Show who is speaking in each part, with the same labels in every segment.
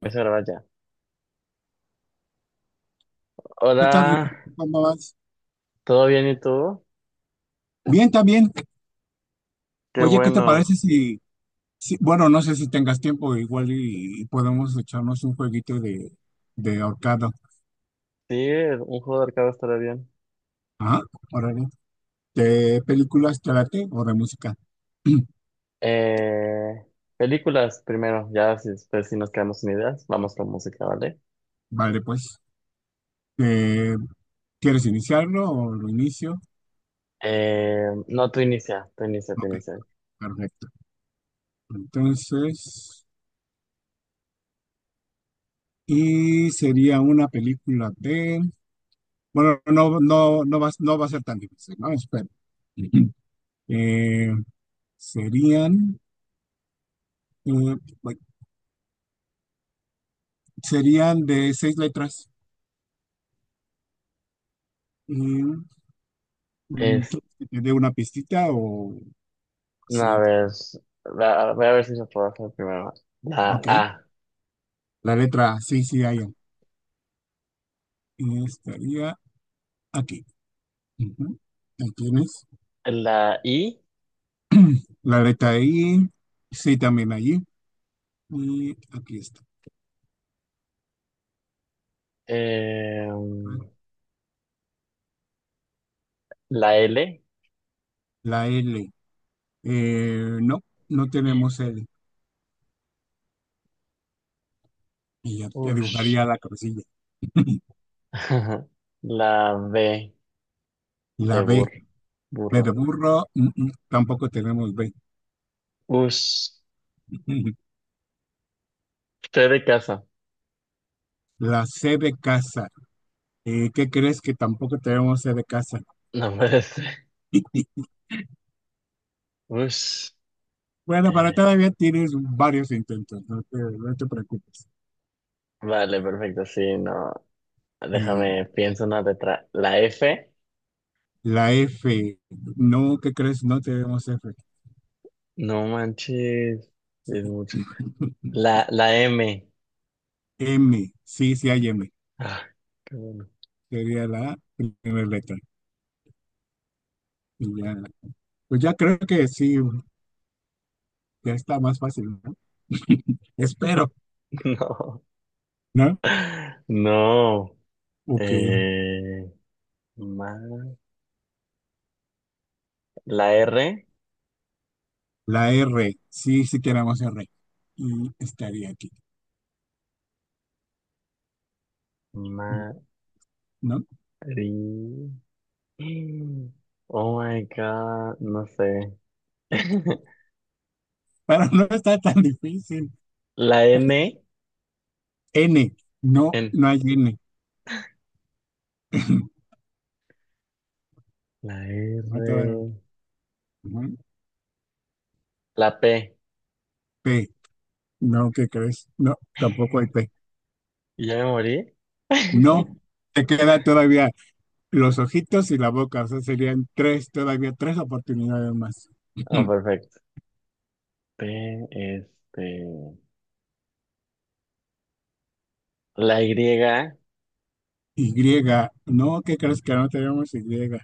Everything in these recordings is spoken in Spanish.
Speaker 1: Empiezo a grabar ya.
Speaker 2: ¿Qué tal, Ricardo?
Speaker 1: Hola,
Speaker 2: ¿Cómo vas?
Speaker 1: ¿todo bien y tú?
Speaker 2: Bien, también.
Speaker 1: Qué
Speaker 2: Oye, ¿qué te parece
Speaker 1: bueno.
Speaker 2: si, bueno, no sé si tengas tiempo igual y podemos echarnos un jueguito de ahorcado?
Speaker 1: Sí, un juego de arcade estará bien.
Speaker 2: Ajá, órale. ¿De películas te late o de música?
Speaker 1: Eh, Películas primero, ya si después si nos quedamos sin ideas, vamos con música, ¿vale?
Speaker 2: Vale, pues. Eh, ¿Quieres iniciarlo o lo inicio?
Speaker 1: No, tú inicia, tú inicia, tú
Speaker 2: Ok,
Speaker 1: inicia.
Speaker 2: perfecto. Entonces, y sería una película de, bueno, no va, no va a ser tan difícil, ¿no? Espero. Eh, serían Eh, bueno, serían de seis letras. Eh, mm,
Speaker 1: Es,
Speaker 2: ¿Quieres que te dé una pistita o
Speaker 1: no, a
Speaker 2: sí?
Speaker 1: ver, voy a ver si se puede hacer primero. La
Speaker 2: Ok.
Speaker 1: A,
Speaker 2: La letra sí, sí, hay. Estaría aquí. Ujú. Ahí tienes.
Speaker 1: la I,
Speaker 2: La letra I, sí, también allí. Y aquí está.
Speaker 1: eh, la L,
Speaker 2: La L. No, no tenemos L. Y ya, ya
Speaker 1: ush,
Speaker 2: dibujaría la cabecilla.
Speaker 1: la B de
Speaker 2: La B,
Speaker 1: burro,
Speaker 2: B de
Speaker 1: burro.
Speaker 2: burro, tampoco tenemos B.
Speaker 1: Usted de casa.
Speaker 2: La C de casa, ¿qué crees que tampoco tenemos de casa?
Speaker 1: No puede ser. Us.
Speaker 2: Bueno, pero
Speaker 1: eh,
Speaker 2: todavía tienes varios intentos, no te preocupes.
Speaker 1: vale, perfecto. Sí, no.
Speaker 2: Eh,
Speaker 1: Déjame, pienso una letra. La F.
Speaker 2: La F, no, ¿qué crees? No tenemos F.
Speaker 1: No manches. Es mucho. La M.
Speaker 2: M, sí, sí hay M.
Speaker 1: Ah, qué bueno.
Speaker 2: Sería la primera letra. Y ya, pues ya creo que sí, ya está más fácil, ¿no? Espero,
Speaker 1: No.
Speaker 2: ¿no?
Speaker 1: No.
Speaker 2: Ok.
Speaker 1: Eh, ma- la R.
Speaker 2: La R, sí, sí tenemos R. Y estaría aquí,
Speaker 1: Mari.
Speaker 2: ¿no?
Speaker 1: Oh my God. No sé.
Speaker 2: Pero no está tan difícil.
Speaker 1: La N.
Speaker 2: N, no,
Speaker 1: N.
Speaker 2: no hay N.
Speaker 1: La
Speaker 2: No hay todavía.
Speaker 1: R,
Speaker 2: Ujú.
Speaker 1: la P.
Speaker 2: P, no, ¿qué crees? No, tampoco hay P.
Speaker 1: ¿Y ya me morí?
Speaker 2: No, te queda todavía los ojitos y la boca, o sea, serían tres, todavía tres oportunidades más.
Speaker 1: Ah, perfecto. P, este, la Y.
Speaker 2: Y, no, ¿qué crees que no tenemos Y? Aquí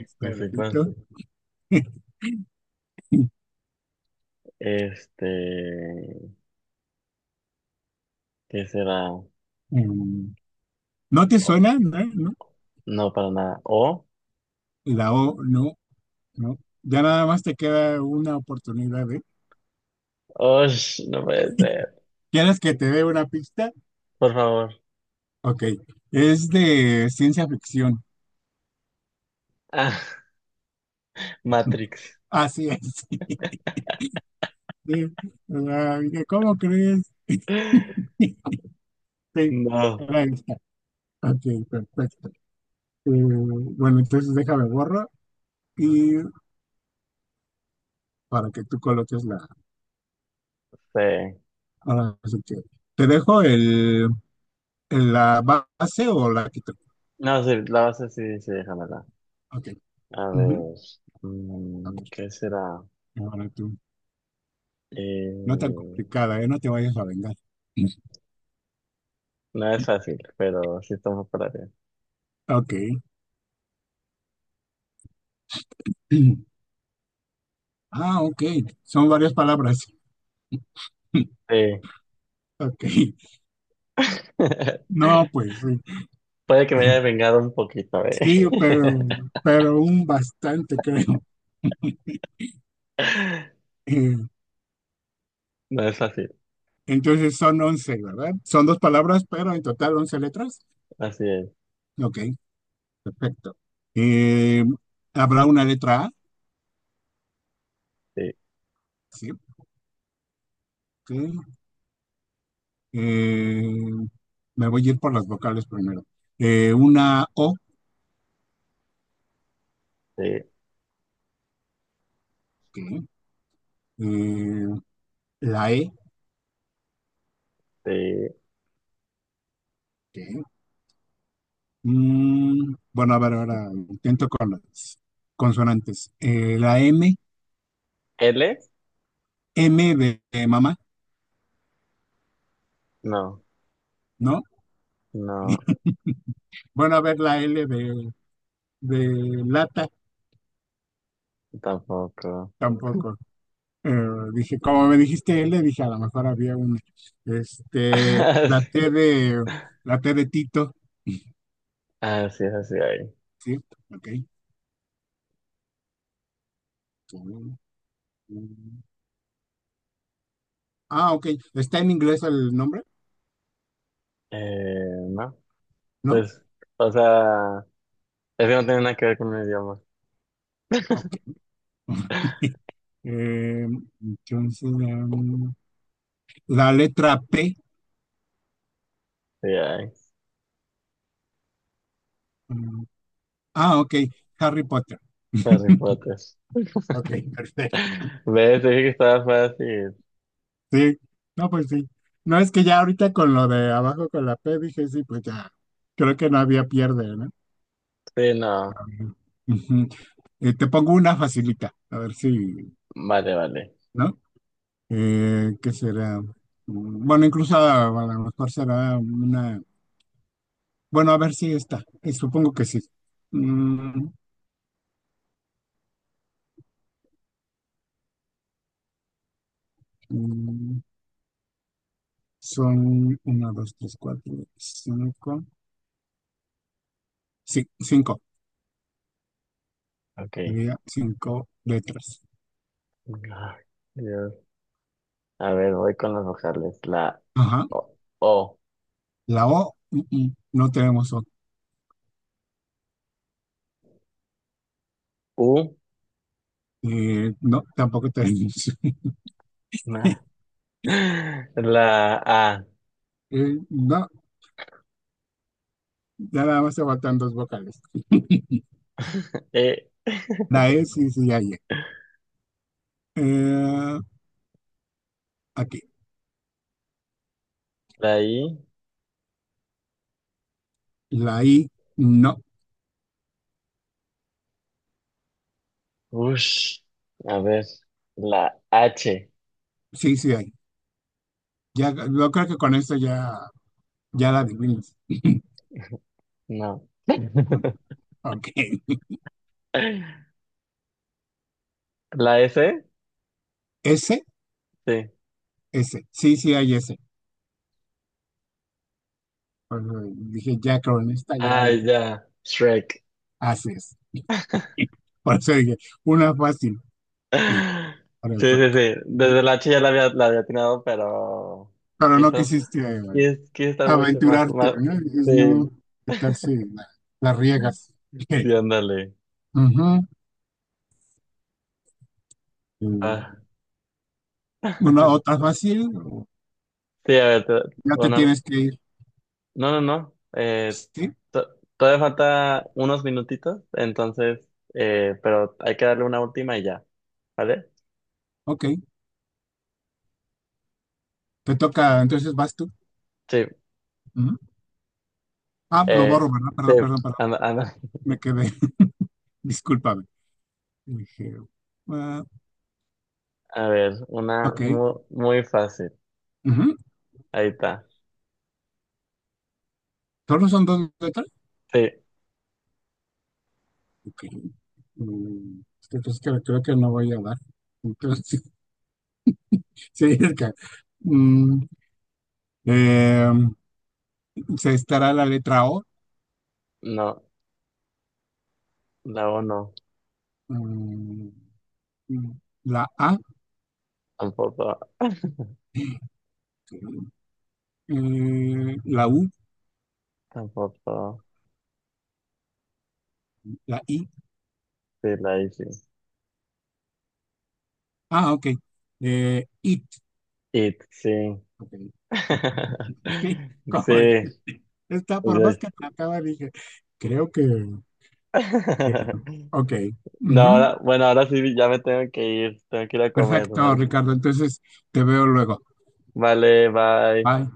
Speaker 2: está
Speaker 1: Me
Speaker 2: el
Speaker 1: fui con,
Speaker 2: ojito.
Speaker 1: este, ¿qué será? O-
Speaker 2: Em, ¿No te suena? ¿No? ¿No?
Speaker 1: no, para nada. O.
Speaker 2: La O, no, no. Ya nada más te queda una oportunidad, ¿eh?
Speaker 1: Oh, no puede ser.
Speaker 2: ¿Quieres que te dé una pista?
Speaker 1: Por favor.
Speaker 2: Ok, es de ciencia ficción.
Speaker 1: Ah, Matrix.
Speaker 2: Así es. Sí, la- dije, ¿cómo crees? Sí,
Speaker 1: No
Speaker 2: era esta. Ok, perfecto. Bueno, entonces déjame borro y para que tú coloques la.
Speaker 1: sé.
Speaker 2: Ahora sí que. ¿Te dejo el, la base o la quito?
Speaker 1: No, sí, la base sí, sí, déjamela.
Speaker 2: Ok.
Speaker 1: A
Speaker 2: Ujú.
Speaker 1: ver,
Speaker 2: A
Speaker 1: mm,
Speaker 2: ver,
Speaker 1: ¿qué será?
Speaker 2: ahora tú. No tan
Speaker 1: Eh,
Speaker 2: complicada, ¿eh? No te vayas a vengar.
Speaker 1: No es fácil, pero sí estamos para bien.
Speaker 2: Ok. Ah, ok. Son varias palabras.
Speaker 1: Sí.
Speaker 2: Ok. No, pues sí.
Speaker 1: Puede que me haya vengado un poquito, ¿eh?
Speaker 2: Sí, pero un bastante, creo.
Speaker 1: No es fácil,
Speaker 2: Entonces son 11, ¿verdad? Son dos palabras, pero en total 11 letras.
Speaker 1: así es.
Speaker 2: Ok, perfecto. Eh, ¿Habrá una letra A?
Speaker 1: Sí,
Speaker 2: Sí, ok. Eh, me voy a ir por las vocales primero. Una O,
Speaker 1: sí,
Speaker 2: ok. Eh, la E,
Speaker 1: sí.
Speaker 2: ok. Bueno, a ver, ahora intento con las consonantes. La M.
Speaker 1: ¿L?
Speaker 2: M de mamá,
Speaker 1: No,
Speaker 2: ¿no?
Speaker 1: no,
Speaker 2: Bueno, a ver, la L de lata.
Speaker 1: tampoco.
Speaker 2: Tampoco. Eh, dije, como me dijiste L, dije, a lo mejor había un, este,
Speaker 1: Así
Speaker 2: la T de Tito,
Speaker 1: así es, así hay.
Speaker 2: ¿sí? Ok. Ah, ok. ¿Está en inglés el nombre?
Speaker 1: No,
Speaker 2: ¿No?
Speaker 1: pues, o sea, es que no tiene nada que ver con el idioma.
Speaker 2: Ok. Eh, entonces, la letra P.
Speaker 1: Sí, ay,
Speaker 2: um, ok. Harry Potter.
Speaker 1: Harry Potter.
Speaker 2: Ok, perfecto.
Speaker 1: ¿Ves? Te dije que estaba fácil.
Speaker 2: Sí. No, pues sí. No, es que ya ahorita con lo de abajo con la P dije, sí, pues ya. Creo que no había pierde, ¿no?
Speaker 1: Sí, no.
Speaker 2: Ujú. Te pongo una facilita, a ver si,
Speaker 1: Vale, vale.
Speaker 2: ¿no? ¿Qué será? Bueno, incluso a lo mejor será una... Bueno, a ver si está. Supongo que sí. Mm, mm, son una, dos, tres, cuatro, cinco. Sí, cinco.
Speaker 1: Ok.
Speaker 2: Sería cinco letras.
Speaker 1: Ay, Dios. A ver, voy con las vocales. La
Speaker 2: Ajá.
Speaker 1: O,
Speaker 2: La O, no tenemos O.
Speaker 1: U,
Speaker 2: No, tampoco tenemos.
Speaker 1: na. La A,
Speaker 2: No, ya nada más se faltan dos vocales.
Speaker 1: E,
Speaker 2: La E sí, sí, hay. E. Eh, aquí.
Speaker 1: la I,
Speaker 2: La I, no.
Speaker 1: ush. A ver, la H,
Speaker 2: Sí, sí hay. Ya, yo creo que con esto ya, ya la adivinas.
Speaker 1: no.
Speaker 2: Ok.
Speaker 1: La S,
Speaker 2: S,
Speaker 1: sí.
Speaker 2: S. Sí, sí hay S. Por eso dije, ya con esta ya lo
Speaker 1: Ay, ya, Shrek.
Speaker 2: haces. Por eso dije, una fácil. Sí, para el
Speaker 1: Sí,
Speaker 2: Frank.
Speaker 1: sí, sí.
Speaker 2: Ok.
Speaker 1: Desde la H ya la había atinado, pero.
Speaker 2: Pero
Speaker 1: Quiero
Speaker 2: no
Speaker 1: estar,
Speaker 2: quisiste
Speaker 1: quiero, quiero estar muy más,
Speaker 2: aventurarte,
Speaker 1: más.
Speaker 2: ¿no? Dices,
Speaker 1: Sí,
Speaker 2: no, ¿qué tal si la, la riegas?
Speaker 1: sí, ándale.
Speaker 2: Ujú.
Speaker 1: Ah,
Speaker 2: Eh, Una otra fácil, o
Speaker 1: sí, a ver,
Speaker 2: ya te
Speaker 1: una-
Speaker 2: tienes que ir.
Speaker 1: no, no, no,
Speaker 2: Sí,
Speaker 1: to- todavía falta unos minutitos, entonces, pero hay que darle una última y ya, ¿vale?
Speaker 2: ok. Te toca, entonces vas tú.
Speaker 1: Sí,
Speaker 2: Ah, lo
Speaker 1: eh,
Speaker 2: borro, ¿verdad?
Speaker 1: sí,
Speaker 2: Perdón, perdón, perdón.
Speaker 1: anda, anda.
Speaker 2: Me quedé. Discúlpame. Dije, ah,
Speaker 1: A ver, una
Speaker 2: ok.
Speaker 1: muy, muy fácil,
Speaker 2: Ujú.
Speaker 1: ahí está,
Speaker 2: ¿Solo son dos letras?
Speaker 1: sí,
Speaker 2: Ok. Mm, entonces creo que no voy a dar. Entonces, sí, sí, es que, mm, eh, se estará la letra O,
Speaker 1: no, la O no,
Speaker 2: mm, mm, la A,
Speaker 1: tampoco,
Speaker 2: ok. La U,
Speaker 1: tampoco,
Speaker 2: la I.
Speaker 1: sí, la I sí,
Speaker 2: Ah, ok. IT,
Speaker 1: it, sí,
Speaker 2: ok. Sí, como
Speaker 1: sí,
Speaker 2: dije, está por más que me
Speaker 1: sí.
Speaker 2: acaba, dije, creo que. Ok.
Speaker 1: No,
Speaker 2: Ujú.
Speaker 1: ahora- bueno, ahora sí ya me tengo que ir a comer,
Speaker 2: Perfecto,
Speaker 1: ¿vale?
Speaker 2: Ricardo. Entonces te veo luego.
Speaker 1: Vale, bye.
Speaker 2: Bye.